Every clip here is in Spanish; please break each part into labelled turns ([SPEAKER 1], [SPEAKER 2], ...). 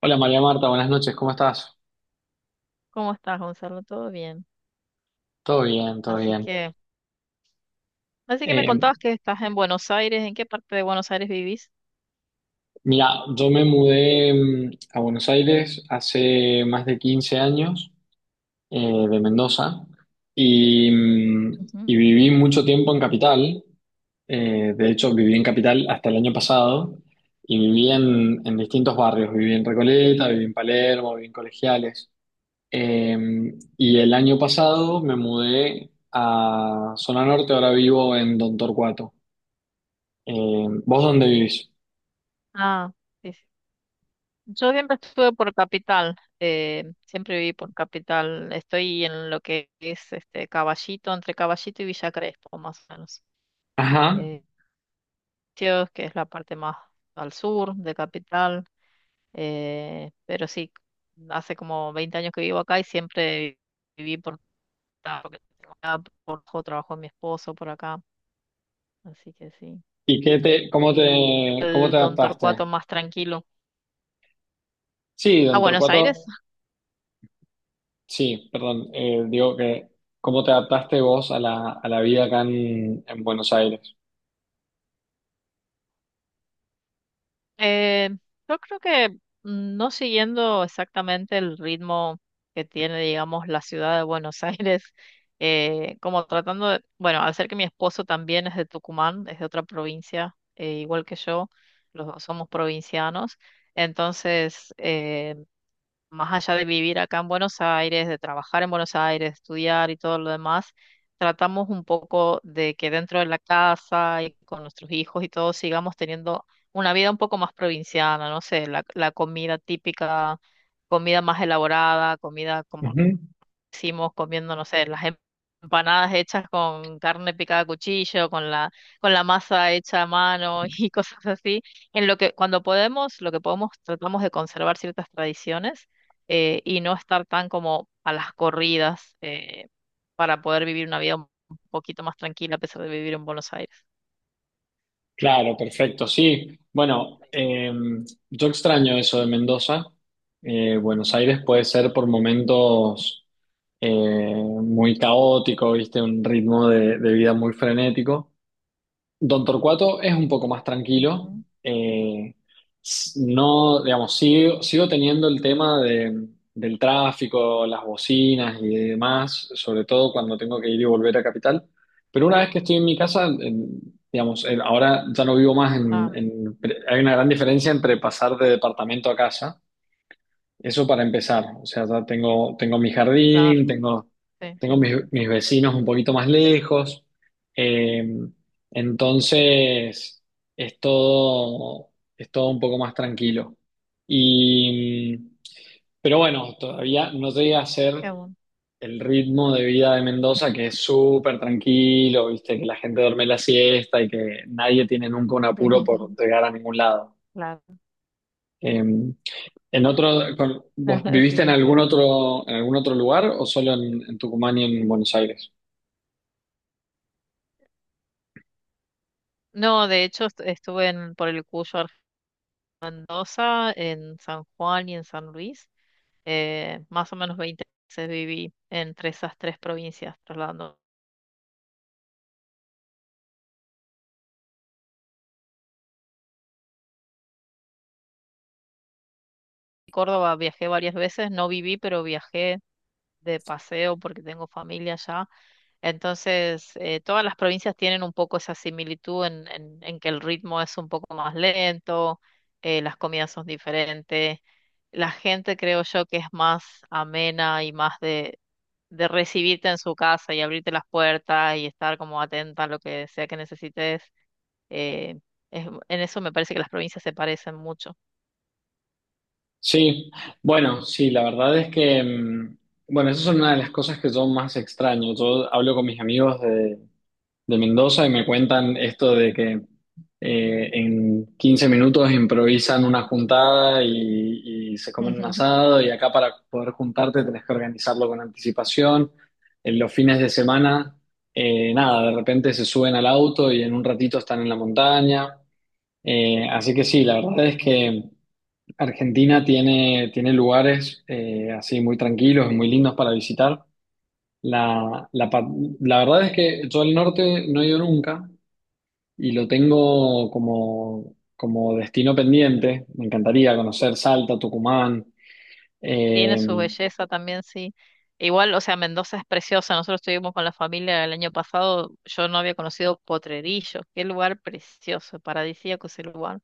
[SPEAKER 1] Hola María Marta, buenas noches, ¿cómo estás?
[SPEAKER 2] ¿Cómo estás, Gonzalo? ¿Todo bien?
[SPEAKER 1] Todo bien, todo
[SPEAKER 2] Así
[SPEAKER 1] bien.
[SPEAKER 2] que, así que me
[SPEAKER 1] Eh,
[SPEAKER 2] contabas que estás en Buenos Aires. ¿En qué parte de Buenos Aires vivís?
[SPEAKER 1] mira, yo me mudé a Buenos Aires hace más de 15 años de Mendoza y, mm,
[SPEAKER 2] Ujú.
[SPEAKER 1] y viví mucho tiempo en Capital. De hecho, viví en Capital hasta el año pasado y viví en distintos barrios. Viví en Recoleta, viví en Palermo, viví en Colegiales. Eh, y el año pasado me mudé a Zona Norte, ahora vivo en Don Torcuato. ¿Vos dónde vivís?
[SPEAKER 2] Ah, sí, sí. Yo siempre estuve por Capital, siempre viví por Capital. Estoy en lo que es este Caballito, entre Caballito y Villa Crespo, más o menos.
[SPEAKER 1] Ajá.
[SPEAKER 2] Eh, sitios que es la parte más al sur de Capital. Pero sí, hace como 20 años que vivo acá y siempre viví por acá, porque tengo acá, por trabajo de mi esposo por acá. Así que sí.
[SPEAKER 1] ¿Y
[SPEAKER 2] Y
[SPEAKER 1] cómo te
[SPEAKER 2] el Don
[SPEAKER 1] adaptaste?
[SPEAKER 2] Torcuato más tranquilo.
[SPEAKER 1] Sí,
[SPEAKER 2] A
[SPEAKER 1] don
[SPEAKER 2] Buenos Aires.
[SPEAKER 1] Torcuato, sí, perdón, digo ¿cómo te adaptaste vos a a la vida acá en Buenos Aires?
[SPEAKER 2] Eh, yo creo que no siguiendo exactamente el ritmo que tiene, digamos, la ciudad de Buenos Aires, como tratando de, bueno, al ser que mi esposo también es de Tucumán, es de otra provincia, igual que yo, los dos somos provincianos, entonces más allá de vivir acá en Buenos Aires, de trabajar en Buenos Aires, estudiar y todo lo demás, tratamos un poco de que dentro de la casa y con nuestros hijos y todo sigamos teniendo una vida un poco más provinciana, no sé, la comida típica, comida más elaborada, comida como
[SPEAKER 1] Ujú.
[SPEAKER 2] hicimos comiendo, no sé, las empanadas hechas con carne picada a cuchillo, con la masa hecha a mano y cosas así. En lo que, cuando podemos, lo que podemos, tratamos de conservar ciertas tradiciones y no estar tan como a las corridas para poder vivir una vida un poquito más tranquila a pesar de vivir en Buenos Aires.
[SPEAKER 1] Claro, perfecto, sí. Bueno, yo extraño eso de Mendoza. Buenos Aires puede ser por momentos eh, muy caótico, ¿viste? Un ritmo de vida muy frenético. Don Torcuato es un poco más tranquilo.
[SPEAKER 2] Ujú.
[SPEAKER 1] eh, no, digamos, sigo teniendo el tema del tráfico, las bocinas y demás, sobre todo cuando tengo que ir y volver a Capital. Pero una vez que estoy en mi casa, digamos, ahora ya no vivo más
[SPEAKER 2] Ah,
[SPEAKER 1] hay una gran diferencia entre pasar de departamento a casa. Eso para empezar. O sea, ya tengo mi
[SPEAKER 2] claro,
[SPEAKER 1] jardín, tengo,
[SPEAKER 2] sí, me
[SPEAKER 1] tengo
[SPEAKER 2] imagino.
[SPEAKER 1] mis vecinos un poquito más lejos. Eh, entonces, es todo, es todo un poco más tranquilo. Y, pero bueno, todavía no llega a ser
[SPEAKER 2] Qué bueno.
[SPEAKER 1] el ritmo de vida de Mendoza, que es súper tranquilo, viste, que la gente duerme la siesta y que nadie tiene nunca un apuro por llegar a ningún lado.
[SPEAKER 2] Claro,
[SPEAKER 1] Eh, ¿En otro, vos viviste
[SPEAKER 2] sí, es cierto.
[SPEAKER 1] en algún otro lugar o solo en Tucumán y en Buenos Aires?
[SPEAKER 2] No, de hecho estuve en, por el Cuyo Mendoza, en San Juan y en San Luis. Más o menos 20 veces viví entre esas tres provincias, trasladando. Córdoba viajé varias veces, no viví, pero viajé de paseo porque tengo familia allá. Entonces, todas las provincias tienen un poco esa similitud en que el ritmo es un poco más lento, las comidas son diferentes, la gente creo yo que es más amena y más de recibirte en su casa y abrirte las puertas y estar como atenta a lo que sea que necesites. eh, en eso me parece que las provincias se parecen mucho.
[SPEAKER 1] Sí, bueno, sí, la verdad es que, mm, bueno, esa es una de las cosas que yo más extraño. Yo hablo con mis amigos de Mendoza y me cuentan esto de que en 15 minutos improvisan una juntada y se comen un asado y acá para poder juntarte tenés que organizarlo con anticipación. En los fines de semana, nada, de repente se suben al auto y en un ratito están en la montaña. Así que sí, la verdad es que Argentina tiene lugares así muy tranquilos, muy lindos para visitar. La, la, pa- la verdad es que yo al norte no he ido nunca, y lo tengo como, como destino pendiente. Me encantaría conocer Salta, Tucumán.
[SPEAKER 2] Tiene su
[SPEAKER 1] Eh,
[SPEAKER 2] belleza también, sí. Igual, o sea, Mendoza es preciosa. Nosotros estuvimos con la familia el año pasado. Yo no había conocido Potrerillos. Qué lugar precioso, paradisíaco ese lugar.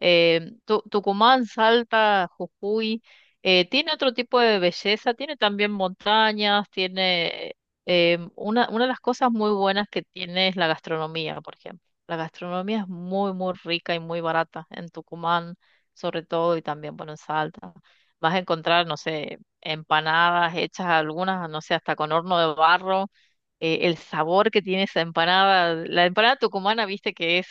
[SPEAKER 2] Tucumán, Salta, Jujuy, tiene otro tipo de belleza, tiene también montañas, tiene una de las cosas muy buenas que tiene es la gastronomía, por ejemplo. La gastronomía es muy, muy rica y muy barata en Tucumán, sobre todo, y también, bueno, en Salta. Vas a encontrar, no sé, empanadas hechas algunas, no sé, hasta con horno de barro. El sabor que tiene esa empanada, la empanada tucumana, viste que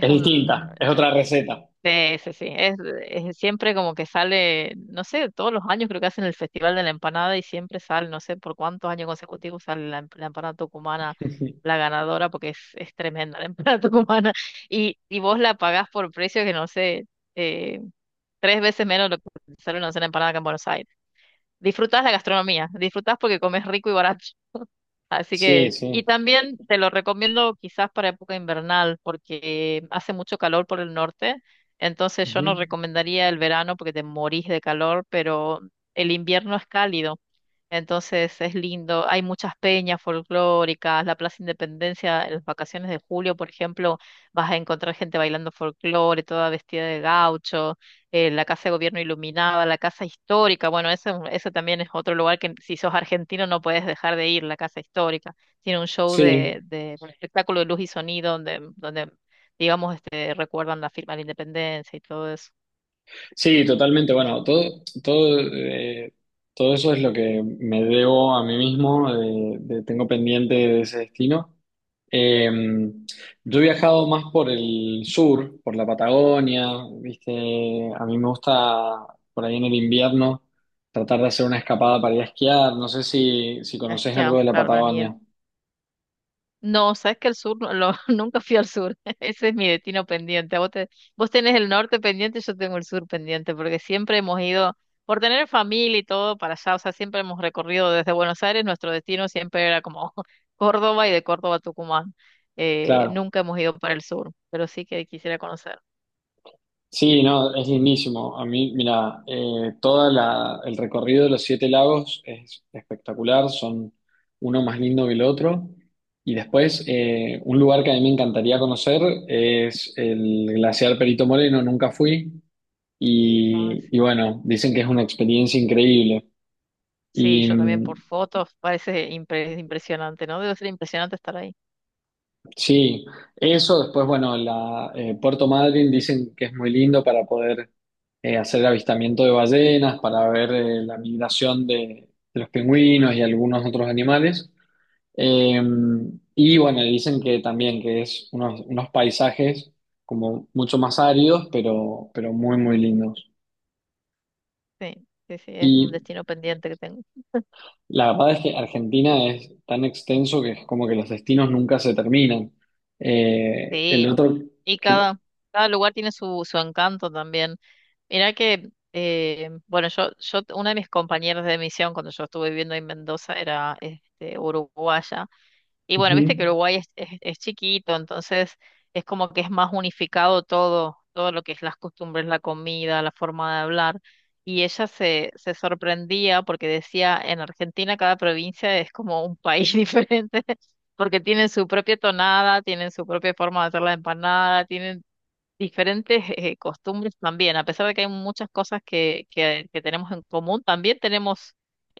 [SPEAKER 1] es
[SPEAKER 2] un...
[SPEAKER 1] distinta, es otra receta.
[SPEAKER 2] Sí, sí, sí. Es siempre como que sale, no sé, todos los años creo que hacen el Festival de la Empanada y siempre sale, no sé por cuántos años consecutivos sale la empanada tucumana, la ganadora, porque es tremenda la empanada tucumana. Y vos la pagás por precio que no sé, eh, tres veces menos lo que sale una cena de empanada acá en Buenos Aires. Disfrutás la gastronomía, disfrutás porque comes rico y barato. Así
[SPEAKER 1] Sí,
[SPEAKER 2] que, y
[SPEAKER 1] sí.
[SPEAKER 2] también te lo recomiendo quizás para época invernal, porque hace mucho calor por el norte, entonces yo
[SPEAKER 1] Ujú.
[SPEAKER 2] no recomendaría el verano porque te morís de calor, pero el invierno es cálido. Entonces es lindo, hay muchas peñas folclóricas, la Plaza Independencia, en las vacaciones de julio, por ejemplo, vas a encontrar gente bailando folclore, toda vestida de gaucho, la Casa de Gobierno iluminada, la Casa Histórica, bueno, eso también es otro lugar que si sos argentino no puedes dejar de ir, la Casa Histórica. Tiene un show
[SPEAKER 1] Sí,
[SPEAKER 2] de un espectáculo de luz y sonido donde digamos, recuerdan la firma de la independencia y todo eso.
[SPEAKER 1] sí, totalmente. Bueno, todo, todo, todo eso es lo que me debo a mí mismo, tengo pendiente de ese destino. Eh, yo he viajado más por el sur, por la Patagonia, ¿viste? A mí me gusta por ahí en el invierno tratar de hacer una escapada para ir a esquiar. No sé si
[SPEAKER 2] Es
[SPEAKER 1] conoces
[SPEAKER 2] que,
[SPEAKER 1] algo
[SPEAKER 2] ah,
[SPEAKER 1] de la
[SPEAKER 2] claro, la nieve.
[SPEAKER 1] Patagonia.
[SPEAKER 2] No, sabes que el sur, nunca fui al sur. Ese es mi destino pendiente. Vos tenés el norte pendiente, yo tengo el sur pendiente, porque siempre hemos ido, por tener familia y todo para allá, o sea, siempre hemos recorrido desde Buenos Aires, nuestro destino siempre era como Córdoba y de Córdoba a Tucumán.
[SPEAKER 1] Claro.
[SPEAKER 2] Nunca hemos ido para el sur, pero sí que quisiera conocer.
[SPEAKER 1] Sí, no, es lindísimo. A mí, mira, el recorrido de los 7 lagos es espectacular, son uno más lindo que el otro. Y después, un lugar que a mí me encantaría conocer es el glaciar Perito Moreno, nunca fui.
[SPEAKER 2] No, sí.
[SPEAKER 1] Y bueno, dicen que es una experiencia increíble.
[SPEAKER 2] Sí,
[SPEAKER 1] Y
[SPEAKER 2] yo también por fotos, parece impresionante, ¿no? Debe ser impresionante estar ahí.
[SPEAKER 1] sí, eso, después, bueno, Puerto Madryn dicen que es muy lindo para poder hacer avistamiento de ballenas para ver la migración de los pingüinos y algunos otros animales. Eh, y bueno, dicen que también que es unos paisajes como mucho más áridos, pero muy lindos.
[SPEAKER 2] Sí, sí, sí, es un
[SPEAKER 1] Y
[SPEAKER 2] destino pendiente que tengo.
[SPEAKER 1] la verdad es que Argentina es tan extenso que es como que los destinos nunca se terminan. El
[SPEAKER 2] Sí,
[SPEAKER 1] otro
[SPEAKER 2] y
[SPEAKER 1] que...
[SPEAKER 2] cada lugar tiene su encanto también. Mirá que, bueno, una de mis compañeras de misión cuando yo estuve viviendo en Mendoza era uruguaya. Y bueno, viste que
[SPEAKER 1] Ujú.
[SPEAKER 2] Uruguay es chiquito, entonces es como que es más unificado todo lo que es las costumbres, la comida, la forma de hablar. Y ella se sorprendía porque decía, en Argentina cada provincia es como un país diferente, porque tienen su propia tonada, tienen su propia forma de hacer la empanada, tienen diferentes costumbres también, a pesar de que hay muchas cosas que tenemos en común, también tenemos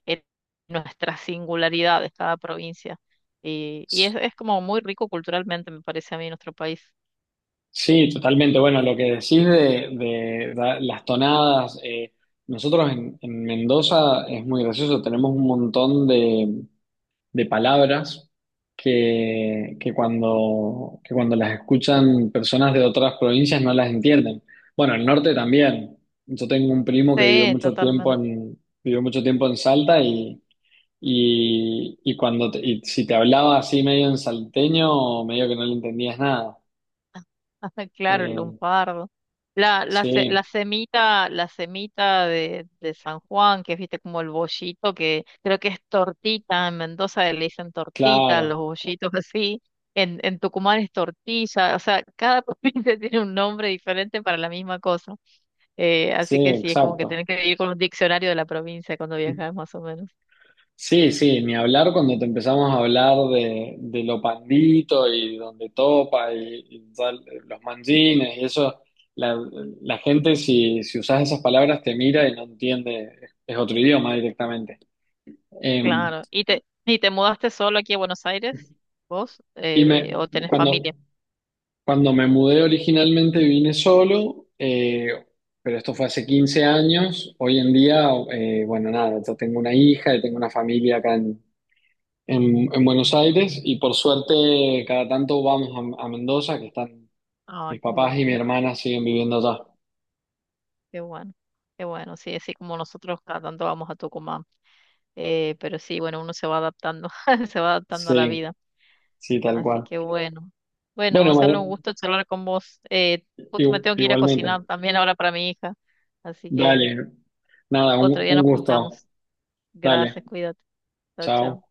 [SPEAKER 2] eh, nuestras singularidades, cada provincia. Y es como muy rico culturalmente, me parece a mí, nuestro país.
[SPEAKER 1] Sí, totalmente. Bueno, lo que decís las tonadas, nosotros en Mendoza es muy gracioso, tenemos un montón de palabras que cuando las escuchan personas de otras provincias no las entienden. Bueno, el norte también. Yo tengo un primo que vivió
[SPEAKER 2] Sí,
[SPEAKER 1] mucho tiempo
[SPEAKER 2] totalmente.
[SPEAKER 1] vivió mucho tiempo en Salta y cuando y si te hablaba así medio en salteño, medio que no le entendías nada.
[SPEAKER 2] Claro, el
[SPEAKER 1] Eh,
[SPEAKER 2] lunfardo. La
[SPEAKER 1] Sí,
[SPEAKER 2] semita, la semita de San Juan, que es, viste, como el bollito, que creo que es tortita, en Mendoza le dicen tortita, los
[SPEAKER 1] claro,
[SPEAKER 2] bollitos así, en Tucumán es tortilla, o sea, cada provincia tiene un nombre diferente para la misma cosa. Así
[SPEAKER 1] sí,
[SPEAKER 2] que sí, es como que
[SPEAKER 1] exacto.
[SPEAKER 2] tenés que ir con un diccionario de la provincia cuando viajas, más o menos.
[SPEAKER 1] Sí, sí, ni hablar cuando te empezamos a hablar de lo pandito y donde topa y tal, los manjines y eso, la, la gente si usas esas palabras te mira y no entiende, es otro idioma directamente. Eh,
[SPEAKER 2] Claro. ¿Y te mudaste solo aquí a Buenos Aires, vos? ¿O tenés familia?
[SPEAKER 1] cuando, cuando me mudé originalmente vine solo, pero esto fue hace 15 años, hoy en día, bueno, nada, yo tengo una hija y tengo una familia acá en Buenos Aires y por suerte cada tanto vamos a Mendoza, que están
[SPEAKER 2] Ah,
[SPEAKER 1] mis
[SPEAKER 2] qué
[SPEAKER 1] papás y mi
[SPEAKER 2] lindo.
[SPEAKER 1] hermana siguen viviendo allá.
[SPEAKER 2] Qué bueno, qué bueno, sí, así como nosotros cada tanto vamos a Tucumán, pero sí, bueno, uno se va adaptando, se va adaptando a la
[SPEAKER 1] Sí,
[SPEAKER 2] vida,
[SPEAKER 1] sí, tal
[SPEAKER 2] así
[SPEAKER 1] cual.
[SPEAKER 2] que bueno. Bueno,
[SPEAKER 1] Bueno, María,
[SPEAKER 2] Gonzalo, un gusto charlar con vos. Justo me tengo que ir a
[SPEAKER 1] igualmente.
[SPEAKER 2] cocinar también ahora para mi hija, así que
[SPEAKER 1] Dale, nada,
[SPEAKER 2] otro día
[SPEAKER 1] un
[SPEAKER 2] nos
[SPEAKER 1] gusto.
[SPEAKER 2] juntamos.
[SPEAKER 1] Dale,
[SPEAKER 2] Gracias, cuídate. Chao, chao.
[SPEAKER 1] chao.